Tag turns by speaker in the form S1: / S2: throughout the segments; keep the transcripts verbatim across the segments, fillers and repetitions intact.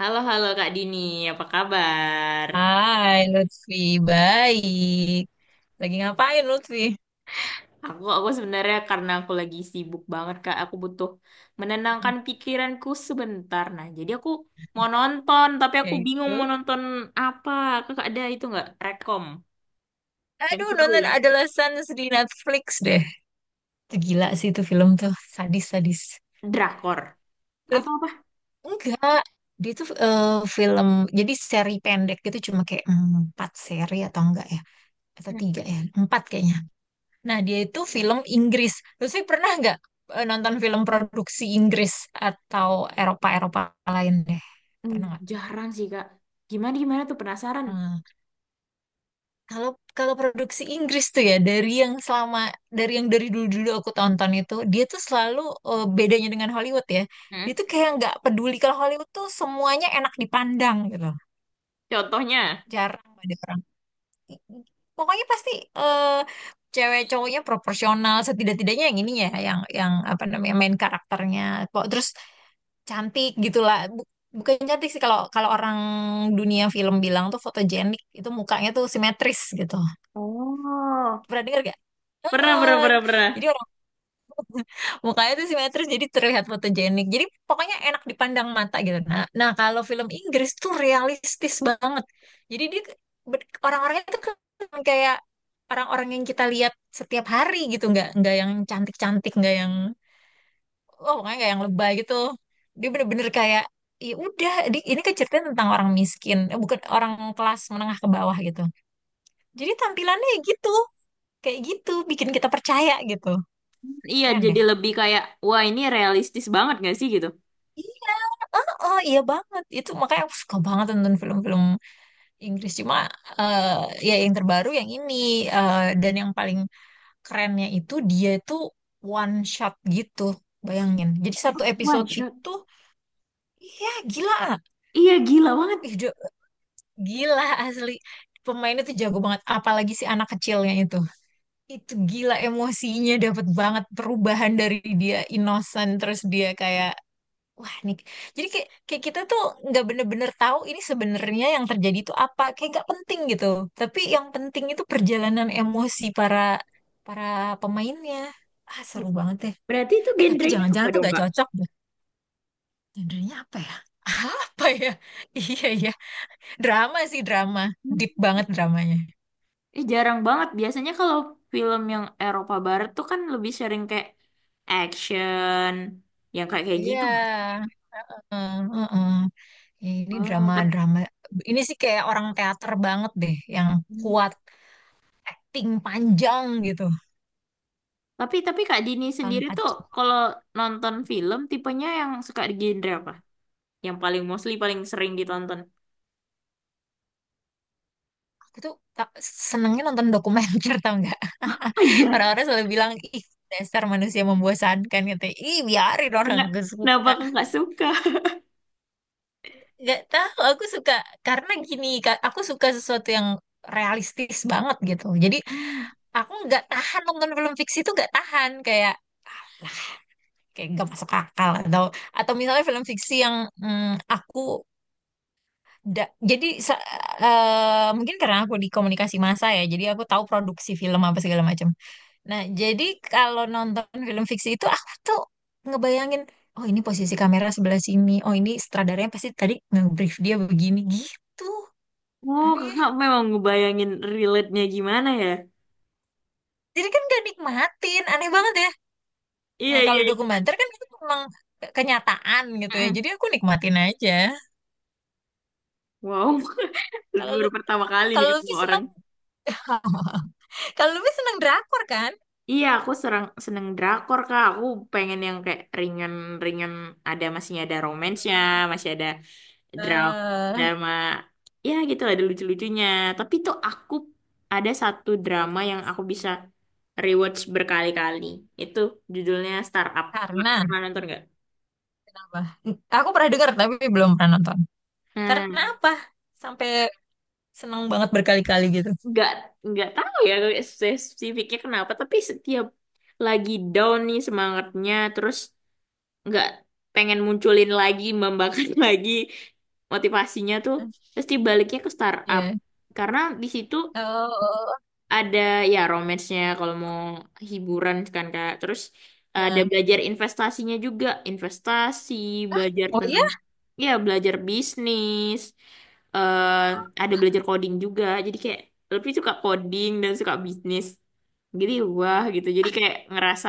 S1: Halo, halo Kak Dini, apa kabar?
S2: Hai Lutfi, baik. Lagi ngapain Lutfi?
S1: Aku, aku sebenarnya karena aku lagi sibuk banget Kak, aku butuh
S2: Hmm.
S1: menenangkan pikiranku sebentar. Nah, jadi aku mau nonton, tapi
S2: Ya
S1: aku bingung
S2: itu.
S1: mau nonton apa. Kakak ada itu nggak? Rekom yang
S2: Aduh,
S1: seru
S2: nonton
S1: ya?
S2: Adolescence di Netflix deh. Itu gila sih, itu film tuh sadis-sadis.
S1: Drakor atau
S2: Lebih-
S1: apa?
S2: Enggak, dia tuh eh, film, jadi seri pendek gitu, cuma kayak mm, empat seri atau enggak ya? Atau
S1: Hmm,
S2: tiga ya? Empat kayaknya. Nah, dia itu film Inggris. Lutfi pernah enggak eh, nonton film produksi Inggris atau Eropa-Eropa lain deh?
S1: hmm,
S2: Pernah enggak?
S1: jarang sih Kak. Gimana gimana tuh penasaran?
S2: Hmm. Kalau kalau produksi Inggris tuh, ya dari yang selama, dari yang dari dulu-dulu aku tonton, itu dia tuh selalu eh, bedanya dengan Hollywood ya.
S1: Hmm,
S2: Dia tuh kayak nggak peduli, kalau Hollywood tuh semuanya enak dipandang gitu.
S1: Contohnya?
S2: Jarang ada orang. Pokoknya pasti eh, cewek cowoknya proporsional, setidak-tidaknya yang ini ya, yang yang apa namanya, main karakternya. Kok terus cantik gitulah. Bukan cantik sih, kalau kalau orang dunia film bilang tuh fotogenik, itu mukanya tuh simetris gitu.
S1: Oh,
S2: Pernah dengar?
S1: pernah pernah
S2: Heeh.
S1: pernah pernah.
S2: Jadi orang mukanya tuh simetris jadi terlihat fotogenik. Jadi pokoknya enak dipandang mata gitu. Nah, nah kalau film Inggris tuh realistis banget. Jadi dia ke- ber- orang-orangnya tuh ke- kayak orang-orang yang kita lihat setiap hari gitu, nggak nggak yang cantik-cantik, nggak yang oh pokoknya nggak yang lebay gitu. Dia bener-bener kayak ya udah di- ini kan ceritanya tentang orang miskin, eh, bukan orang kelas menengah ke bawah gitu. Jadi tampilannya ya gitu, kayak gitu bikin kita percaya gitu.
S1: Iya,
S2: Keren
S1: jadi
S2: deh.
S1: lebih kayak, wah ini realistis banget gak sih gitu?
S2: ah Oh iya banget itu, makanya aku suka banget nonton film-film Inggris, cuma eh, ya yang terbaru yang ini, eh, dan yang paling kerennya itu, dia itu one shot gitu, bayangin jadi satu
S1: One
S2: episode
S1: shot.
S2: itu ya gila.
S1: Iya gila banget.
S2: Ih, Jo- gila asli, pemainnya tuh jago banget, apalagi si anak kecilnya itu itu gila, emosinya dapat banget, perubahan dari dia innocent terus dia kayak wah nih. Jadi kayak, kayak kita tuh nggak bener-bener tahu ini sebenarnya yang terjadi itu apa. Kayak nggak penting gitu. Tapi yang penting itu perjalanan emosi para para pemainnya. Ah, seru banget ya.
S1: Berarti itu
S2: Eh, tapi
S1: genrenya apa
S2: jangan-jangan tuh
S1: dong
S2: nggak
S1: Kak?
S2: cocok deh. Genrenya apa ya? Apa ya? Iya, iya. Drama sih, drama.
S1: Hmm.
S2: Deep banget dramanya.
S1: Eh jarang banget. Biasanya kalau film yang Eropa Barat tuh kan lebih sering kayak action, yang kayak kayak gitu nggak?
S2: Iya. Heeh, heeh. Ini
S1: Oh, tapi
S2: drama-drama. Ini sih kayak orang teater banget deh. Yang kuat, ting panjang gitu.
S1: tapi tapi Kak Dini sendiri
S2: Tanpa
S1: tuh kalau nonton film tipenya yang suka di genre apa? Yang paling mostly paling sering ditonton?
S2: itu, ta- senengnya nonton dokumenter tau nggak.
S1: Oh iya,
S2: Orang-orang selalu bilang, ih dasar manusia membosankan gitu, ih biarin, orang
S1: enggak.
S2: gue
S1: Kenapa
S2: suka.
S1: kakak suka?
S2: Nggak tahu, aku suka. Karena gini Kak, aku suka sesuatu yang realistis banget gitu, jadi
S1: Hmm.
S2: aku nggak tahan nonton film fiksi, itu nggak tahan, kayak lah kayak nggak masuk akal, atau atau misalnya film fiksi yang mm, aku da- jadi sa- eh, mungkin karena aku di komunikasi massa ya, jadi aku tahu produksi film apa segala macam. Nah, jadi kalau nonton film fiksi itu aku tuh ngebayangin, oh ini posisi kamera sebelah sini, oh ini sutradaranya pasti tadi nge-brief dia begini gitu.
S1: Oh,
S2: Aneh ya.
S1: kakak memang ngebayangin relate-nya gimana ya?
S2: Jadi kan gak nikmatin, aneh banget ya.
S1: Iya,
S2: Nah,
S1: iya,
S2: kalau
S1: iya.
S2: dokumenter kan itu memang ke- kenyataan gitu ya,
S1: Mm-mm.
S2: jadi aku nikmatin aja.
S1: Wow.
S2: Kalau lu
S1: Baru pertama kali nih
S2: kalau Luffy
S1: ketemu orang.
S2: senang, kalau Luffy senang drakor kan?
S1: Iya, aku serang, seneng drakor, Kak. Aku pengen yang kayak ringan-ringan, ada masih ada romansnya,
S2: mm
S1: masih ada drama,
S2: eh
S1: drama, ya gitu lah, ada lucu-lucunya. Tapi tuh aku ada satu drama yang aku bisa rewatch berkali-kali. Itu judulnya Startup. Kak,
S2: karena
S1: pernah nonton nggak?
S2: apa? Aku pernah dengar tapi belum pernah nonton.
S1: Nah,
S2: Karena apa? Sampai senang banget berkali-kali gitu.
S1: nggak nggak tahu ya spesifiknya kenapa, tapi setiap lagi down nih semangatnya, terus nggak pengen munculin lagi membangkit lagi motivasinya tuh pasti baliknya ke startup
S2: Ya.
S1: karena di situ
S2: Oh, oh, oh.
S1: ada ya romance-nya kalau mau hiburan kan Kak, terus ada
S2: Nah.
S1: belajar investasinya juga, investasi belajar
S2: Oh, ya.
S1: tentang ya belajar bisnis eh ada belajar coding juga jadi kayak lebih suka coding dan suka bisnis jadi wah gitu jadi kayak ngerasa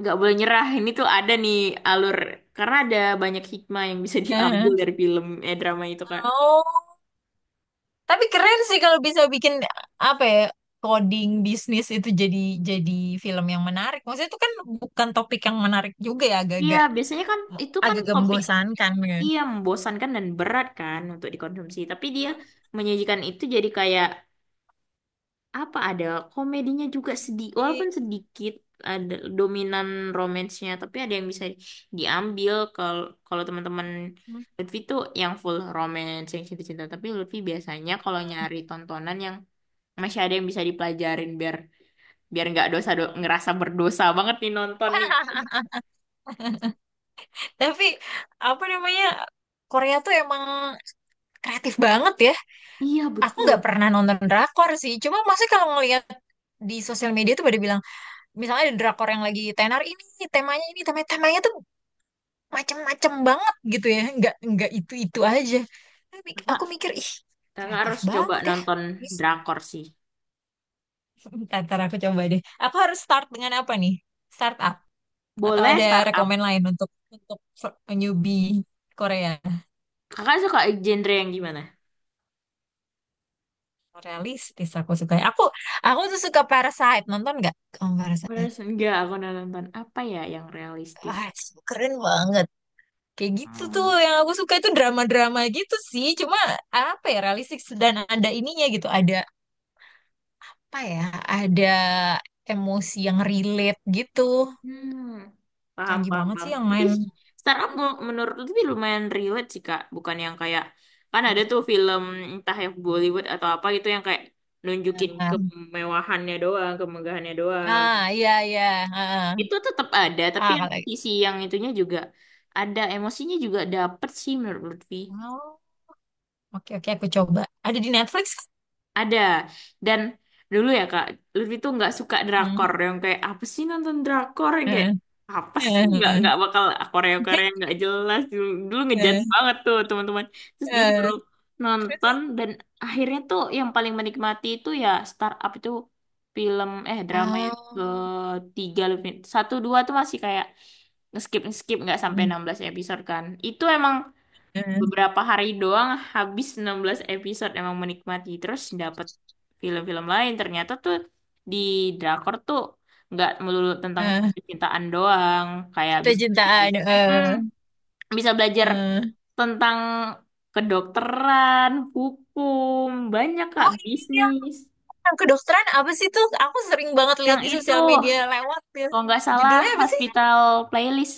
S1: nggak boleh nyerah, ini tuh ada nih alur karena ada banyak hikmah yang bisa diambil
S2: Eh.
S1: dari film eh drama itu kak.
S2: Oh, tapi keren sih kalau bisa bikin apa ya, coding bisnis itu jadi jadi film yang menarik. Maksudnya itu kan bukan topik yang menarik juga ya,
S1: Iya
S2: agak-agak
S1: biasanya kan itu kan
S2: agak-agak
S1: topik,
S2: membosankan ya.
S1: iya membosankan dan berat kan untuk dikonsumsi tapi dia menyajikan itu jadi kayak apa, ada komedinya juga sedih walaupun
S2: Tapi-
S1: sedikit, ada dominan romansnya tapi ada yang bisa diambil. Kalau kalau teman-teman Lutfi tuh yang full romance yang cinta-cinta tapi Lutfi biasanya kalau nyari tontonan yang masih ada yang bisa dipelajarin biar biar nggak dosa do- ngerasa berdosa banget nih nonton nih.
S2: Tapi apa namanya, Korea tuh emang kreatif banget ya.
S1: Iya
S2: Aku nggak
S1: betul.
S2: pernah nonton drakor sih, cuma maksudnya kalau ngelihat di sosial media tuh pada bilang, misalnya ada drakor yang lagi tenar ini temanya ini, temanya temanya tuh macem-macem banget gitu ya, nggak nggak itu itu aja. Aku mik-
S1: Kakak,
S2: aku mikir ih
S1: kakak
S2: kreatif
S1: harus coba
S2: banget ya.
S1: nonton
S2: Terus
S1: drakor sih.
S2: ntar ntar aku coba deh, aku harus start dengan apa nih, startup atau
S1: Boleh
S2: ada
S1: startup.
S2: rekomend lain untuk untuk newbie Korea?
S1: Kakak suka genre yang gimana?
S2: Realistis aku suka, aku aku tuh suka Parasite, nonton nggak kamu Parasite?
S1: Beres enggak aku udah nonton apa ya yang realistis?
S2: Ah so keren banget, kayak gitu tuh
S1: Hmm,
S2: yang aku suka, itu drama-drama gitu sih, cuma apa ya, realistis dan ada ininya gitu, ada apa ya, ada emosi yang relate gitu.
S1: hmm. Paham,
S2: Canggih
S1: paham,
S2: banget sih
S1: paham.
S2: yang
S1: Tapi
S2: main.
S1: startup
S2: Mm-mm.
S1: mu- menurut lebih lumayan relate sih Kak, bukan yang kayak kan ada
S2: Oke.
S1: tuh film entah yang Bollywood atau apa gitu yang kayak nunjukin
S2: ah
S1: kemewahannya doang, kemegahannya doang.
S2: ah, iya, iya, ah, ah
S1: Itu tetap ada, tapi
S2: Ah,
S1: yang
S2: kalau
S1: sisi yang itunya juga ada, emosinya juga dapet sih menurut Lutfi.
S2: oh, oke oke aku coba. Ada di Netflix?
S1: Ada. Dan dulu ya Kak, Lutfi tuh nggak suka
S2: Hmm.
S1: drakor yang kayak apa sih, nonton drakor yang kayak
S2: Eh,
S1: apa sih, nggak
S2: eh,
S1: nggak bakal Korea Korea nggak jelas dulu, dulu
S2: eh,
S1: ngejudge
S2: eh,
S1: banget tuh teman-teman. Terus
S2: eh.
S1: disuruh nonton
S2: Terus
S1: dan akhirnya tuh yang paling menikmati itu ya Startup itu film eh drama yang
S2: ah
S1: ketiga Lutfi. Satu dua tuh masih kayak nge-skip nge-skip nggak sampai
S2: hmm,
S1: enam belas episode kan. Itu emang
S2: eh,
S1: beberapa hari doang habis enam belas episode emang menikmati terus dapet film-film lain ternyata tuh di drakor tuh nggak melulu tentang
S2: eh,
S1: cintaan doang, kayak bisa belajar,
S2: cinta-cintaan
S1: Mm,
S2: eh,
S1: bisa belajar
S2: eh.
S1: tentang kedokteran, hukum, banyak kak,
S2: Oh iya,
S1: bisnis,
S2: yang kedokteran apa sih tuh, aku sering banget lihat
S1: yang
S2: di
S1: itu
S2: sosial media lewat ya,
S1: kalau nggak salah
S2: judulnya apa sih?
S1: Hospital Playlist.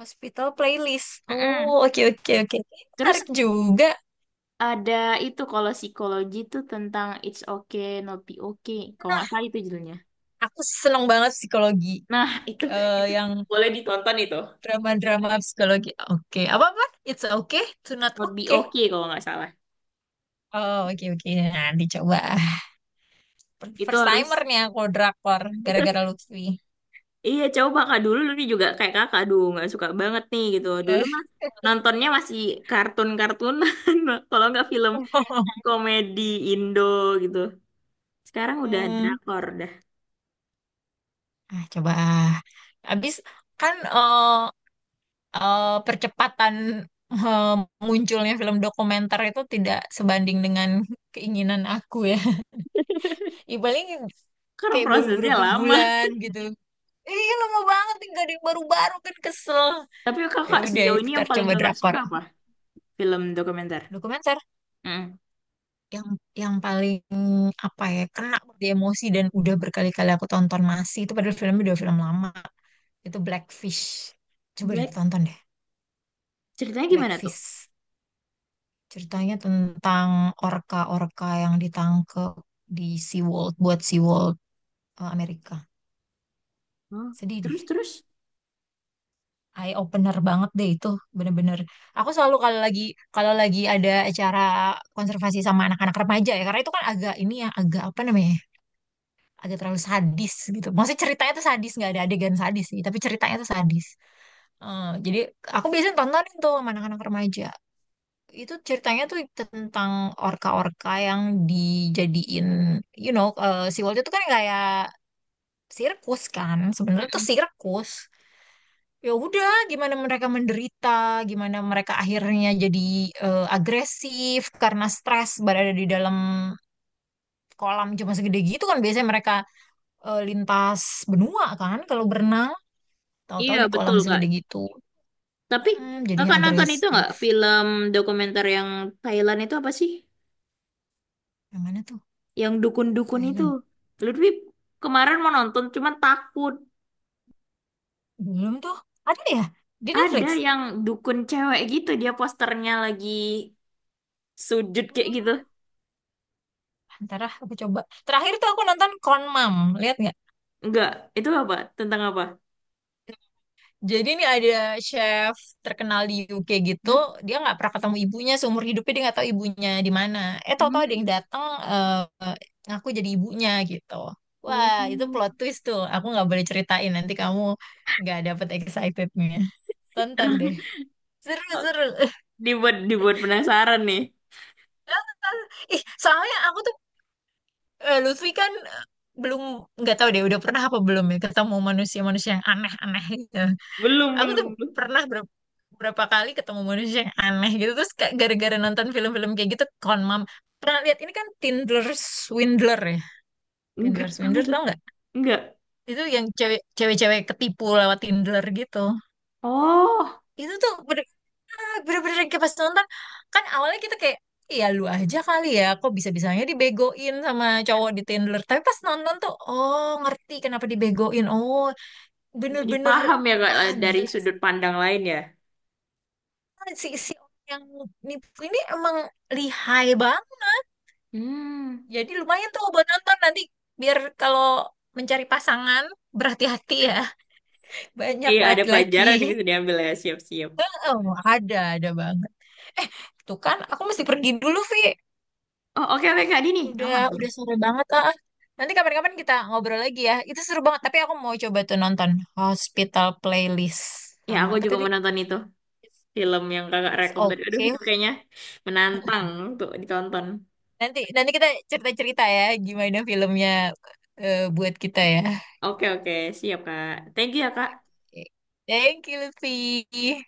S2: Hospital playlist. Oh,
S1: Mm-mm.
S2: oke oke oke. Ini
S1: Terus
S2: menarik juga.
S1: ada itu kalau psikologi tuh tentang It's Okay Not Be Okay. Kalau nggak
S2: Nah,
S1: salah itu judulnya.
S2: aku seneng banget psikologi.
S1: Nah, itu
S2: Eh,
S1: Itu
S2: yang
S1: boleh ditonton itu.
S2: drama-drama psikologi. Oke. Apa-apa? It's okay to not
S1: Not Be
S2: okay.
S1: Okay kalau nggak salah.
S2: Oh, oke oke. Nanti coba.
S1: Itu
S2: First
S1: harus.
S2: timer nih aku drakor gara-gara Lutfi.
S1: Iya, coba kakak dulu nih juga kayak Kakak, aduh nggak suka banget nih gitu. Dulu
S2: Eh,
S1: mah nontonnya masih kartun-kartunan kalau nggak film komedi Indo gitu. Sekarang udah
S2: Hmm.
S1: drakor dah.
S2: Ah, coba. Habis kan eh, eh, percepatan eh, munculnya film dokumenter itu tidak sebanding dengan keinginan aku ya. Ya paling
S1: Karena
S2: kayak baru
S1: prosesnya
S2: berapa
S1: lama.
S2: bulan gitu. Iya lama banget nih, gak ada yang baru-baru, kan kesel.
S1: Tapi
S2: Ya
S1: Kakak
S2: udah,
S1: sejauh ini yang
S2: ntar
S1: paling
S2: coba
S1: Kakak
S2: drakor.
S1: suka apa? Film dokumenter.
S2: Dokumenter
S1: Mm.
S2: yang yang paling apa ya kena di emosi, dan udah berkali-kali aku tonton masih itu, padahal filmnya udah film lama. Itu Blackfish. Coba ditonton deh,
S1: Ceritanya gimana tuh?
S2: Blackfish. Ceritanya tentang orka-orka yang ditangkep di SeaWorld, buat SeaWorld eh, Amerika.
S1: Hmm,
S2: Sedih deh.
S1: Terus terus?
S2: Eye opener banget deh itu, bener-bener. Aku selalu kalau lagi kalau lagi ada acara konservasi sama anak-anak remaja ya, karena itu kan agak ini ya, agak apa namanya ya, agak terlalu sadis gitu, maksudnya ceritanya tuh sadis, nggak ada adegan sadis sih tapi ceritanya tuh sadis. Eh, jadi aku biasanya tontonin tuh sama anak-anak remaja. Itu ceritanya tuh tentang orka-orka yang dijadiin you know eh, si itu kan kayak sirkus kan, sebenarnya tuh
S1: Mm-mm.
S2: sirkus. Ya udah, gimana mereka menderita, gimana mereka akhirnya jadi eh, agresif karena stres berada di dalam kolam cuma segede gitu kan, biasanya mereka eh, lintas benua kan kalau berenang, tahu-tahu
S1: Iya,
S2: di kolam
S1: betul, Kak.
S2: segede gitu.
S1: Tapi
S2: Mm-mm, jadinya
S1: kakak nonton itu
S2: agresif.
S1: nggak film dokumenter yang Thailand itu apa sih?
S2: Yang mana tuh?
S1: Yang dukun-dukun itu.
S2: Thailand,
S1: Lutfi kemarin mau nonton, cuman takut.
S2: belum tuh. Ada ya di
S1: Ada
S2: Netflix?
S1: yang dukun cewek gitu, dia posternya lagi sujud kayak gitu.
S2: Oh, ntar ah, aku coba. Terakhir tuh aku nonton Kon Mam. Lihat,
S1: Enggak, itu apa? Tentang apa?
S2: jadi ini ada chef terkenal di U K gitu,
S1: Hmm?
S2: dia nggak pernah ketemu ibunya seumur hidupnya, dia nggak tahu ibunya di mana. Eh, tahu-tahu ada
S1: Hmm.
S2: yang datang eh, ngaku jadi ibunya gitu.
S1: Oh.
S2: Wah itu plot twist tuh. Aku nggak boleh ceritain, nanti kamu nggak dapet excitednya. Tonton deh. Seru seru.
S1: Dibuat, dibuat penasaran nih.
S2: Ih, soalnya aku tuh eh, Lutfi kan belum, nggak tahu deh udah pernah apa belum ya ketemu manusia-manusia yang aneh-aneh gitu.
S1: Belum,
S2: Aku tuh
S1: belum, belum.
S2: pernah ber- berapa kali ketemu manusia yang aneh gitu, terus kayak gara-gara nonton film-film kayak gitu, Con, pernah lihat ini kan Tinder Swindler ya?
S1: Enggak,
S2: Tinder
S1: apa
S2: Swindler
S1: itu?
S2: tau nggak?
S1: Enggak.
S2: Itu yang cewek cewek-cewek ketipu lewat Tinder gitu.
S1: Oh.
S2: Itu tuh bener-bener bener-bener kayak pas nonton, kan awalnya kita kayak, iya lu aja kali ya, kok bisa-bisanya dibegoin sama cowok di Tinder. Tapi pas nonton tuh, oh ngerti kenapa dibegoin. Oh
S1: Jadi
S2: bener-bener,
S1: paham ya Kak,
S2: wah
S1: dari
S2: gila.
S1: sudut pandang lain ya.
S2: Kan si si orang yang nipu ini emang lihai bang.
S1: Hmm.
S2: Jadi lumayan tuh buat nonton nanti, biar kalau mencari pasangan berhati-hati ya. Banyak
S1: Iya ada
S2: laki-laki.
S1: pelajaran yang bisa diambil ya, siap-siap.
S2: Oh, ada ada banget. Eh, tuh kan aku mesti pergi dulu, Vi.
S1: Oh oke oke Kak Dini
S2: Udah
S1: aman.
S2: udah sore banget ah. Nanti kapan-kapan kita ngobrol lagi ya. Itu seru banget, tapi aku mau coba tuh nonton Hospital Playlist
S1: Ya
S2: sama
S1: aku
S2: apa
S1: juga
S2: tadi?
S1: mau nonton itu
S2: It's,
S1: film yang kakak
S2: it's
S1: rekom tadi. Aduh
S2: okay.
S1: itu kayaknya menantang untuk ditonton.
S2: Nanti nanti kita cerita-cerita ya gimana filmnya eh, buat kita ya.
S1: Oke oke siap Kak. Thank you ya Kak.
S2: Thank you, Lutfi.